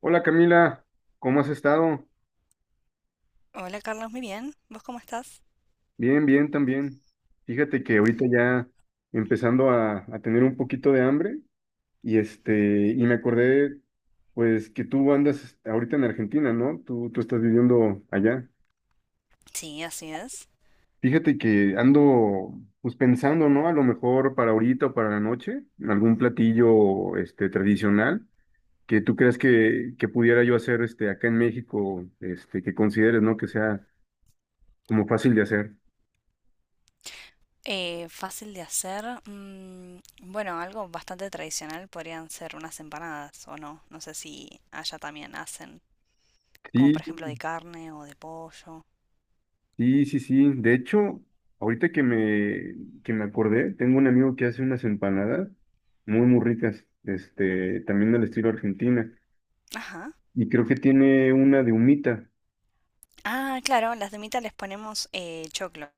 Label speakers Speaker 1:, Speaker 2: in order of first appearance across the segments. Speaker 1: Hola Camila, ¿cómo has estado?
Speaker 2: Hola Carlos, muy bien. ¿Vos cómo estás?
Speaker 1: Bien, bien también. Fíjate que ahorita ya empezando a tener un poquito de hambre y y me acordé pues que tú andas ahorita en Argentina, ¿no? Tú estás viviendo allá.
Speaker 2: Sí, así es.
Speaker 1: Fíjate que ando pues pensando, ¿no? A lo mejor para ahorita o para la noche, algún platillo este tradicional que tú creas que pudiera yo hacer este acá en México, que consideres, ¿no? Que sea como fácil de hacer.
Speaker 2: Fácil de hacer. Mm, bueno, algo bastante tradicional podrían ser unas empanadas o no. No sé si allá también hacen, como
Speaker 1: Sí,
Speaker 2: por ejemplo de carne o de pollo.
Speaker 1: sí, sí, sí. De hecho, ahorita que me, que me acordé, tengo un amigo que hace unas empanadas muy, muy ricas, también del estilo argentina.
Speaker 2: Ajá.
Speaker 1: Y creo que tiene una de humita.
Speaker 2: Ah, claro, las de mita les ponemos choclo.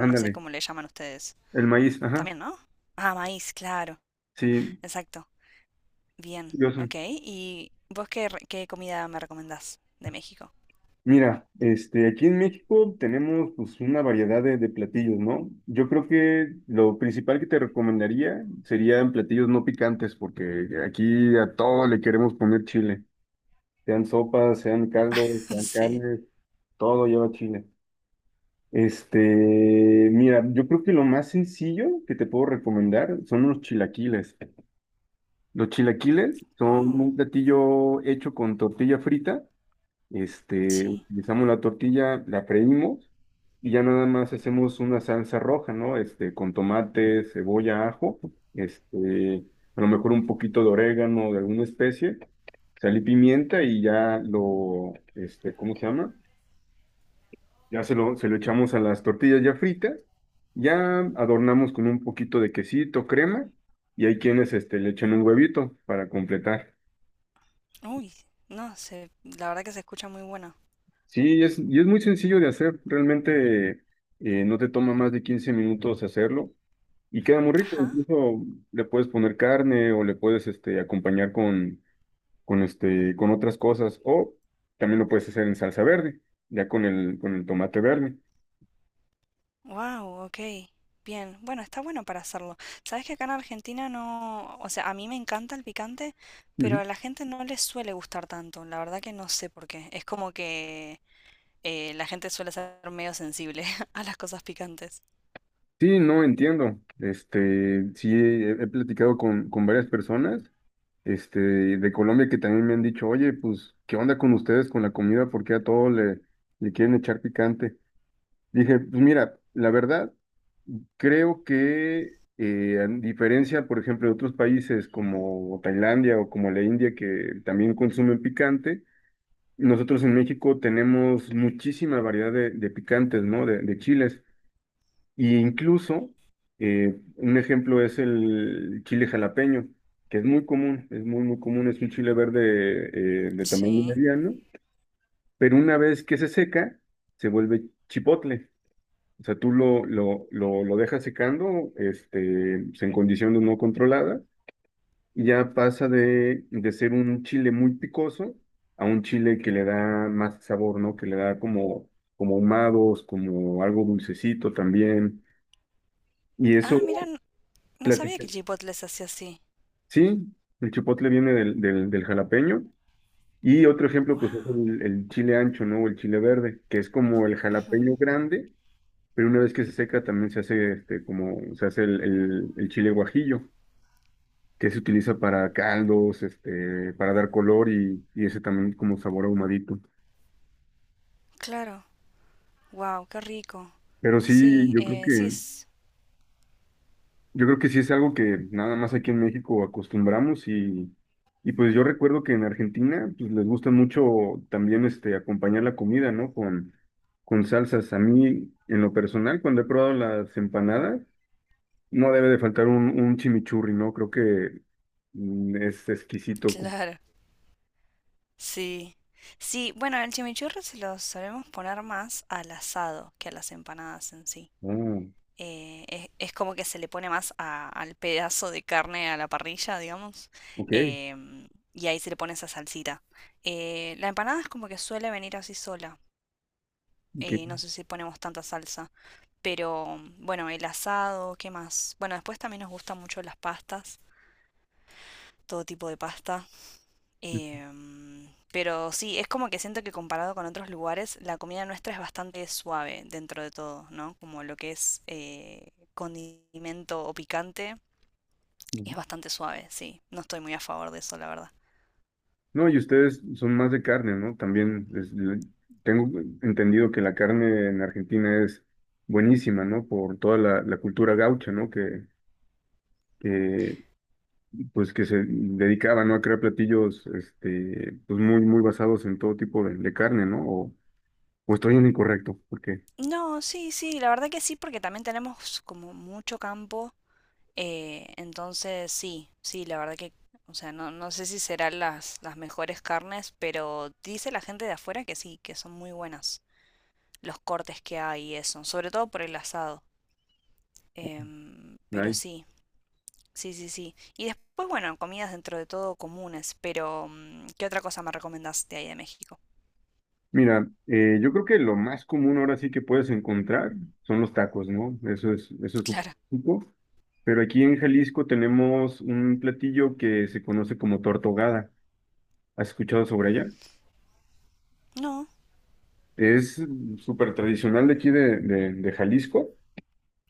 Speaker 2: No sé cómo le llaman ustedes.
Speaker 1: el maíz, ajá.
Speaker 2: También, ¿no? Ah, maíz, claro.
Speaker 1: Sí,
Speaker 2: Exacto. Bien.
Speaker 1: curioso.
Speaker 2: Ok. ¿Y vos qué, qué comida me recomendás de México?
Speaker 1: Mira, aquí en México tenemos pues una variedad de platillos, ¿no? Yo creo que lo principal que te recomendaría serían platillos no picantes, porque aquí a todo le queremos poner chile. Sean sopas, sean caldos, sean
Speaker 2: Sí.
Speaker 1: carnes, todo lleva chile. Este, mira, yo creo que lo más sencillo que te puedo recomendar son los chilaquiles. Los chilaquiles son
Speaker 2: Oh,
Speaker 1: un platillo hecho con tortilla frita.
Speaker 2: sí.
Speaker 1: Utilizamos la tortilla, la freímos y ya nada más hacemos una salsa roja, ¿no? Con tomate, cebolla, ajo, este, a lo mejor un poquito de orégano, de alguna especie, sal y pimienta y ya ¿cómo se llama? Ya se lo echamos a las tortillas ya fritas, ya adornamos con un poquito de quesito, crema, y hay quienes, le echan un huevito para completar.
Speaker 2: Uy, no, se, la verdad que se escucha muy buena.
Speaker 1: Sí, y es muy sencillo de hacer, realmente no te toma más de 15 minutos hacerlo. Y queda muy rico,
Speaker 2: Ajá.
Speaker 1: incluso le puedes poner carne o le puedes acompañar con, con otras cosas. O también lo puedes hacer en salsa verde, ya con el tomate verde.
Speaker 2: Wow, ok. Bien. Bueno, está bueno para hacerlo. Sabes que acá en Argentina no, o sea, a mí me encanta el picante, pero
Speaker 1: Ujú.
Speaker 2: a la gente no le suele gustar tanto. La verdad que no sé por qué. Es como que la gente suele ser medio sensible a las cosas picantes.
Speaker 1: Sí, no entiendo. Sí, he platicado con varias personas, este, de Colombia que también me han dicho, oye, pues, ¿qué onda con ustedes con la comida? Porque a todo le quieren echar picante. Dije, pues mira, la verdad, creo que a diferencia, por ejemplo, de otros países como Tailandia o como la India, que también consumen picante, nosotros en México tenemos muchísima variedad de picantes, ¿no? De chiles. Y incluso, un ejemplo es el chile jalapeño, que es muy común, es muy, muy común, es un chile verde de tamaño
Speaker 2: Sí.
Speaker 1: mediano, pero una vez que se seca, se vuelve chipotle. O sea, tú lo dejas secando, pues, en condiciones no controladas, y ya pasa de ser un chile muy picoso a un chile que le da más sabor, ¿no? Que le da como, como ahumados, como algo dulcecito también. Y
Speaker 2: Ah, mira,
Speaker 1: eso,
Speaker 2: no sabía que el Chipotle se hacía así.
Speaker 1: sí, el chipotle viene del jalapeño. Y otro ejemplo, pues, es
Speaker 2: Wow.
Speaker 1: el chile ancho, ¿no? O el chile verde, que es como el jalapeño grande, pero una vez que se seca también se hace se hace el chile guajillo, que se utiliza para caldos, para dar color y ese también como sabor ahumadito.
Speaker 2: Claro. Wow, qué rico.
Speaker 1: Pero sí,
Speaker 2: Sí,
Speaker 1: yo creo
Speaker 2: sí
Speaker 1: que
Speaker 2: es.
Speaker 1: yo creo que sí es algo que nada más aquí en México acostumbramos y pues yo recuerdo que en Argentina pues les gusta mucho también este acompañar la comida, ¿no? Con salsas. A mí, en lo personal, cuando he probado las empanadas, no debe de faltar un chimichurri, ¿no? Creo que es exquisito.
Speaker 2: Claro. Sí. Sí, bueno, el chimichurri se lo solemos poner más al asado que a las empanadas en sí.
Speaker 1: Ah,
Speaker 2: Es como que se le pone más al pedazo de carne a la parrilla, digamos,
Speaker 1: ok,
Speaker 2: em, y ahí se le pone esa salsita. La empanada es como que suele venir así sola. Eh, no sé si ponemos tanta salsa, pero bueno, el asado, ¿qué más? Bueno, después también nos gustan mucho las pastas, todo tipo de pasta. Em, pero sí, es como que siento que comparado con otros lugares, la comida nuestra es bastante suave dentro de todo, ¿no? Como lo que es condimento o picante es
Speaker 1: ok.
Speaker 2: bastante suave, sí. No estoy muy a favor de eso, la verdad.
Speaker 1: No, y ustedes son más de carne, ¿no? Tengo entendido que la carne en Argentina es buenísima, ¿no? Por toda la, la cultura gaucha, ¿no? Que, pues que se dedicaba, ¿no? A crear platillos, pues muy, muy basados en todo tipo de carne, ¿no? O estoy en lo incorrecto, porque
Speaker 2: No, sí, sí, la verdad que sí, porque también tenemos como mucho campo. Entonces, sí, sí, la verdad que, o sea, no, no sé si serán las mejores carnes, pero dice la gente de afuera que sí, que son muy buenas los cortes que hay y eso, sobre todo por el asado. Em, pero
Speaker 1: hay.
Speaker 2: sí, sí, sí, sí. Y después, bueno, comidas dentro de todo comunes, pero mm, ¿qué otra cosa me recomendás de ahí de México?
Speaker 1: Mira, yo creo que lo más común ahora sí que puedes encontrar son los tacos, ¿no? Eso es un
Speaker 2: Claro.
Speaker 1: poco. Pero aquí en Jalisco tenemos un platillo que se conoce como tortogada. ¿Has escuchado sobre ella?
Speaker 2: No,
Speaker 1: Es súper tradicional de aquí de Jalisco.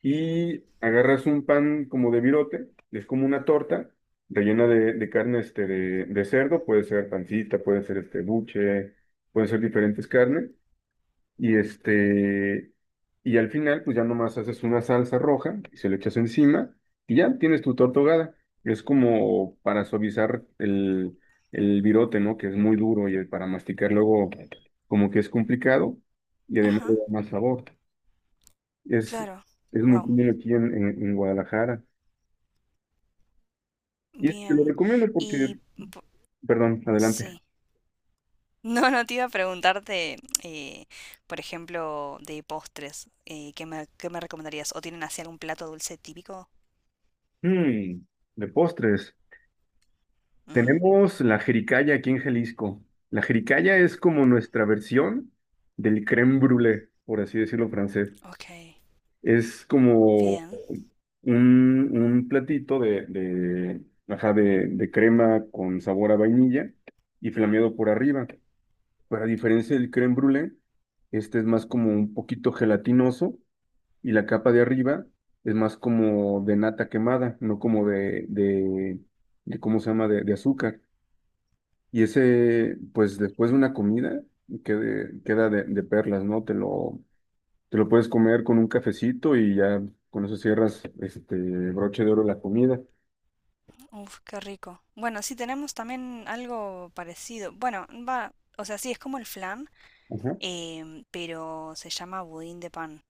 Speaker 1: Y agarras un pan como de virote, es como una torta rellena de carne de cerdo, puede ser pancita, puede ser este buche, pueden ser diferentes carnes. Y este, y al final, pues ya nomás haces una salsa roja y se lo echas encima y ya tienes tu torta ahogada. Es como para suavizar el virote, ¿no? Que es muy duro y para masticar luego como que es complicado y además le
Speaker 2: ajá,
Speaker 1: da más sabor. Es,
Speaker 2: claro.
Speaker 1: es muy
Speaker 2: Wow,
Speaker 1: común aquí en Guadalajara. Y te lo
Speaker 2: bien.
Speaker 1: recomiendo porque,
Speaker 2: Y po-
Speaker 1: perdón, adelante.
Speaker 2: sí. No, no te iba a preguntarte, eh, por ejemplo, de postres, qué me recomendarías? ¿O tienen así algún plato dulce típico?
Speaker 1: Mm, de postres.
Speaker 2: Ujú.
Speaker 1: Tenemos la jericaya aquí en Jalisco. La jericaya es como nuestra versión del crème brûlée, por así decirlo francés.
Speaker 2: Ok,
Speaker 1: Es como
Speaker 2: bien.
Speaker 1: un platito ajá, de crema con sabor a vainilla y flameado por arriba. Pero a diferencia del crème brûlée, este es más como un poquito gelatinoso y la capa de arriba es más como de nata quemada, no como de ¿cómo se llama?, de azúcar. Y ese, pues después de una comida, queda de perlas, ¿no? Te lo puedes comer con un cafecito y ya con eso cierras este broche de oro la comida.
Speaker 2: Uf, qué rico. Bueno, sí tenemos también algo parecido. Bueno, va, o sea, sí, es como el flan,
Speaker 1: Ajá,
Speaker 2: em, pero se llama budín de pan,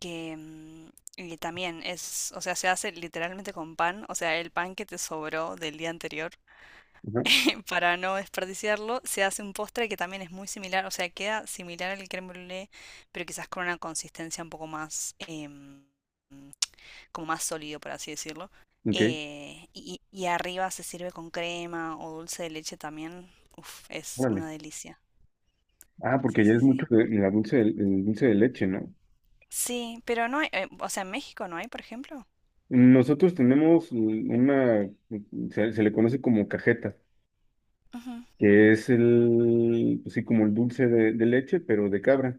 Speaker 2: que mm, y también es, o sea, se hace literalmente con pan, o sea, el pan que te sobró del día anterior,
Speaker 1: ajá.
Speaker 2: para no desperdiciarlo, se hace un postre que también es muy similar, o sea, queda similar al crème brûlée, pero quizás con una consistencia un poco más, em, como más sólido, por así decirlo.
Speaker 1: Ok,
Speaker 2: Y, y arriba se sirve con crema o dulce de leche también. Uf, es
Speaker 1: órale.
Speaker 2: una delicia.
Speaker 1: Ah, porque
Speaker 2: Sí,
Speaker 1: ya
Speaker 2: sí,
Speaker 1: es
Speaker 2: sí.
Speaker 1: mucho el dulce de leche, ¿no?
Speaker 2: Sí, pero no hay, o sea, en México no hay, por ejemplo.
Speaker 1: Nosotros tenemos se, se le conoce como cajeta,
Speaker 2: Ujú.
Speaker 1: que es el, pues sí, como el dulce de leche, pero de cabra.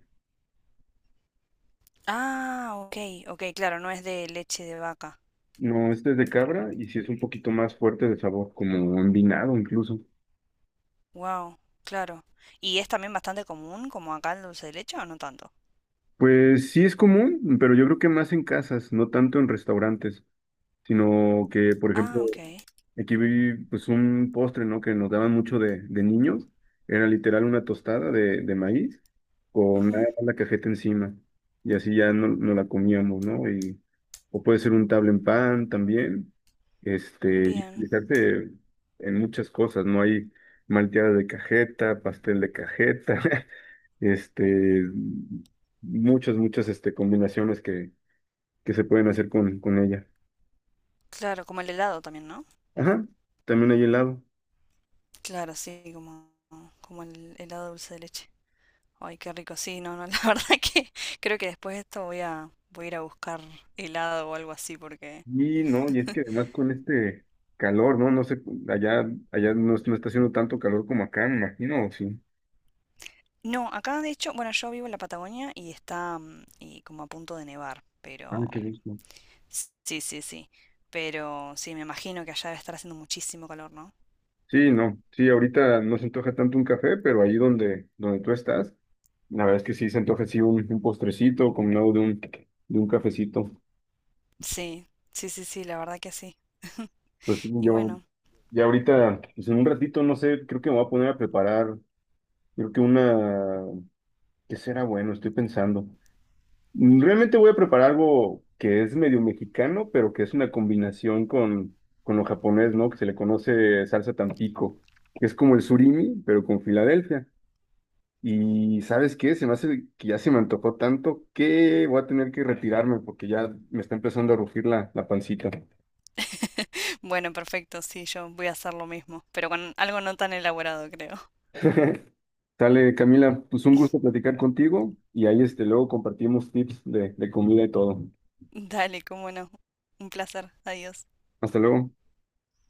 Speaker 2: Ah, ok, ok, claro, no es de leche de vaca.
Speaker 1: No, este es de cabra y sí es un poquito más fuerte de sabor, como envinado incluso.
Speaker 2: Wow, claro. ¿Y es también bastante común como acá el dulce de leche o no tanto?
Speaker 1: Pues sí es común, pero yo creo que más en casas, no tanto en restaurantes, sino que, por ejemplo,
Speaker 2: Ah, ok.
Speaker 1: aquí vi pues un postre, ¿no? Que nos daban mucho de niños. Era literal una tostada de maíz con nada
Speaker 2: Ujú.
Speaker 1: más la cajeta encima. Y así ya no, no la comíamos, ¿no? Y, o puede ser un tabla en pan también. Y
Speaker 2: Bien.
Speaker 1: utilizarse en muchas cosas, ¿no? Hay malteadas de cajeta, pastel de cajeta, este, muchas, muchas combinaciones que se pueden hacer con ella.
Speaker 2: Claro, como el helado también, ¿no?
Speaker 1: Ajá, también hay helado.
Speaker 2: Claro, sí, como, como el helado dulce de leche. Ay, qué rico. Sí, no, no, la verdad que creo que después de esto voy a, voy a ir a buscar helado o algo así porque...
Speaker 1: Y no, y es que además con este calor, ¿no? No sé, allá, allá no, no está haciendo tanto calor como acá, me imagino, ¿o sí?
Speaker 2: No, acá de hecho, bueno, yo vivo en la Patagonia y está mm, y como a punto de nevar,
Speaker 1: Ah,
Speaker 2: pero...
Speaker 1: qué gusto.
Speaker 2: Sí, sí, sí. Pero sí, me imagino que allá debe estar haciendo muchísimo calor, ¿no?
Speaker 1: Sí, no, sí, ahorita no se antoja tanto un café, pero ahí donde, donde tú estás, la verdad es que sí se antoja así un postrecito combinado de un cafecito.
Speaker 2: Sí, sí, sí, sí, la verdad que sí.
Speaker 1: Pues
Speaker 2: Y
Speaker 1: yo,
Speaker 2: bueno,
Speaker 1: ya ahorita, pues en un ratito, no sé, creo que me voy a poner a preparar, creo que una, ¿qué será bueno? Estoy pensando. Realmente voy a preparar algo que es medio mexicano, pero que es una combinación con lo japonés, ¿no? Que se le conoce salsa Tampico, que es como el surimi, pero con Filadelfia. Y ¿sabes qué? Se me hace que ya se me antojó tanto que voy a tener que retirarme porque ya me está empezando a rugir la, la pancita.
Speaker 2: bueno, perfecto, sí, yo voy a hacer lo mismo, pero con algo no tan elaborado, creo.
Speaker 1: Sale, Camila, pues un gusto platicar contigo y ahí luego compartimos tips de comida y todo.
Speaker 2: Dale, cómo no. Un placer. Adiós.
Speaker 1: Hasta luego.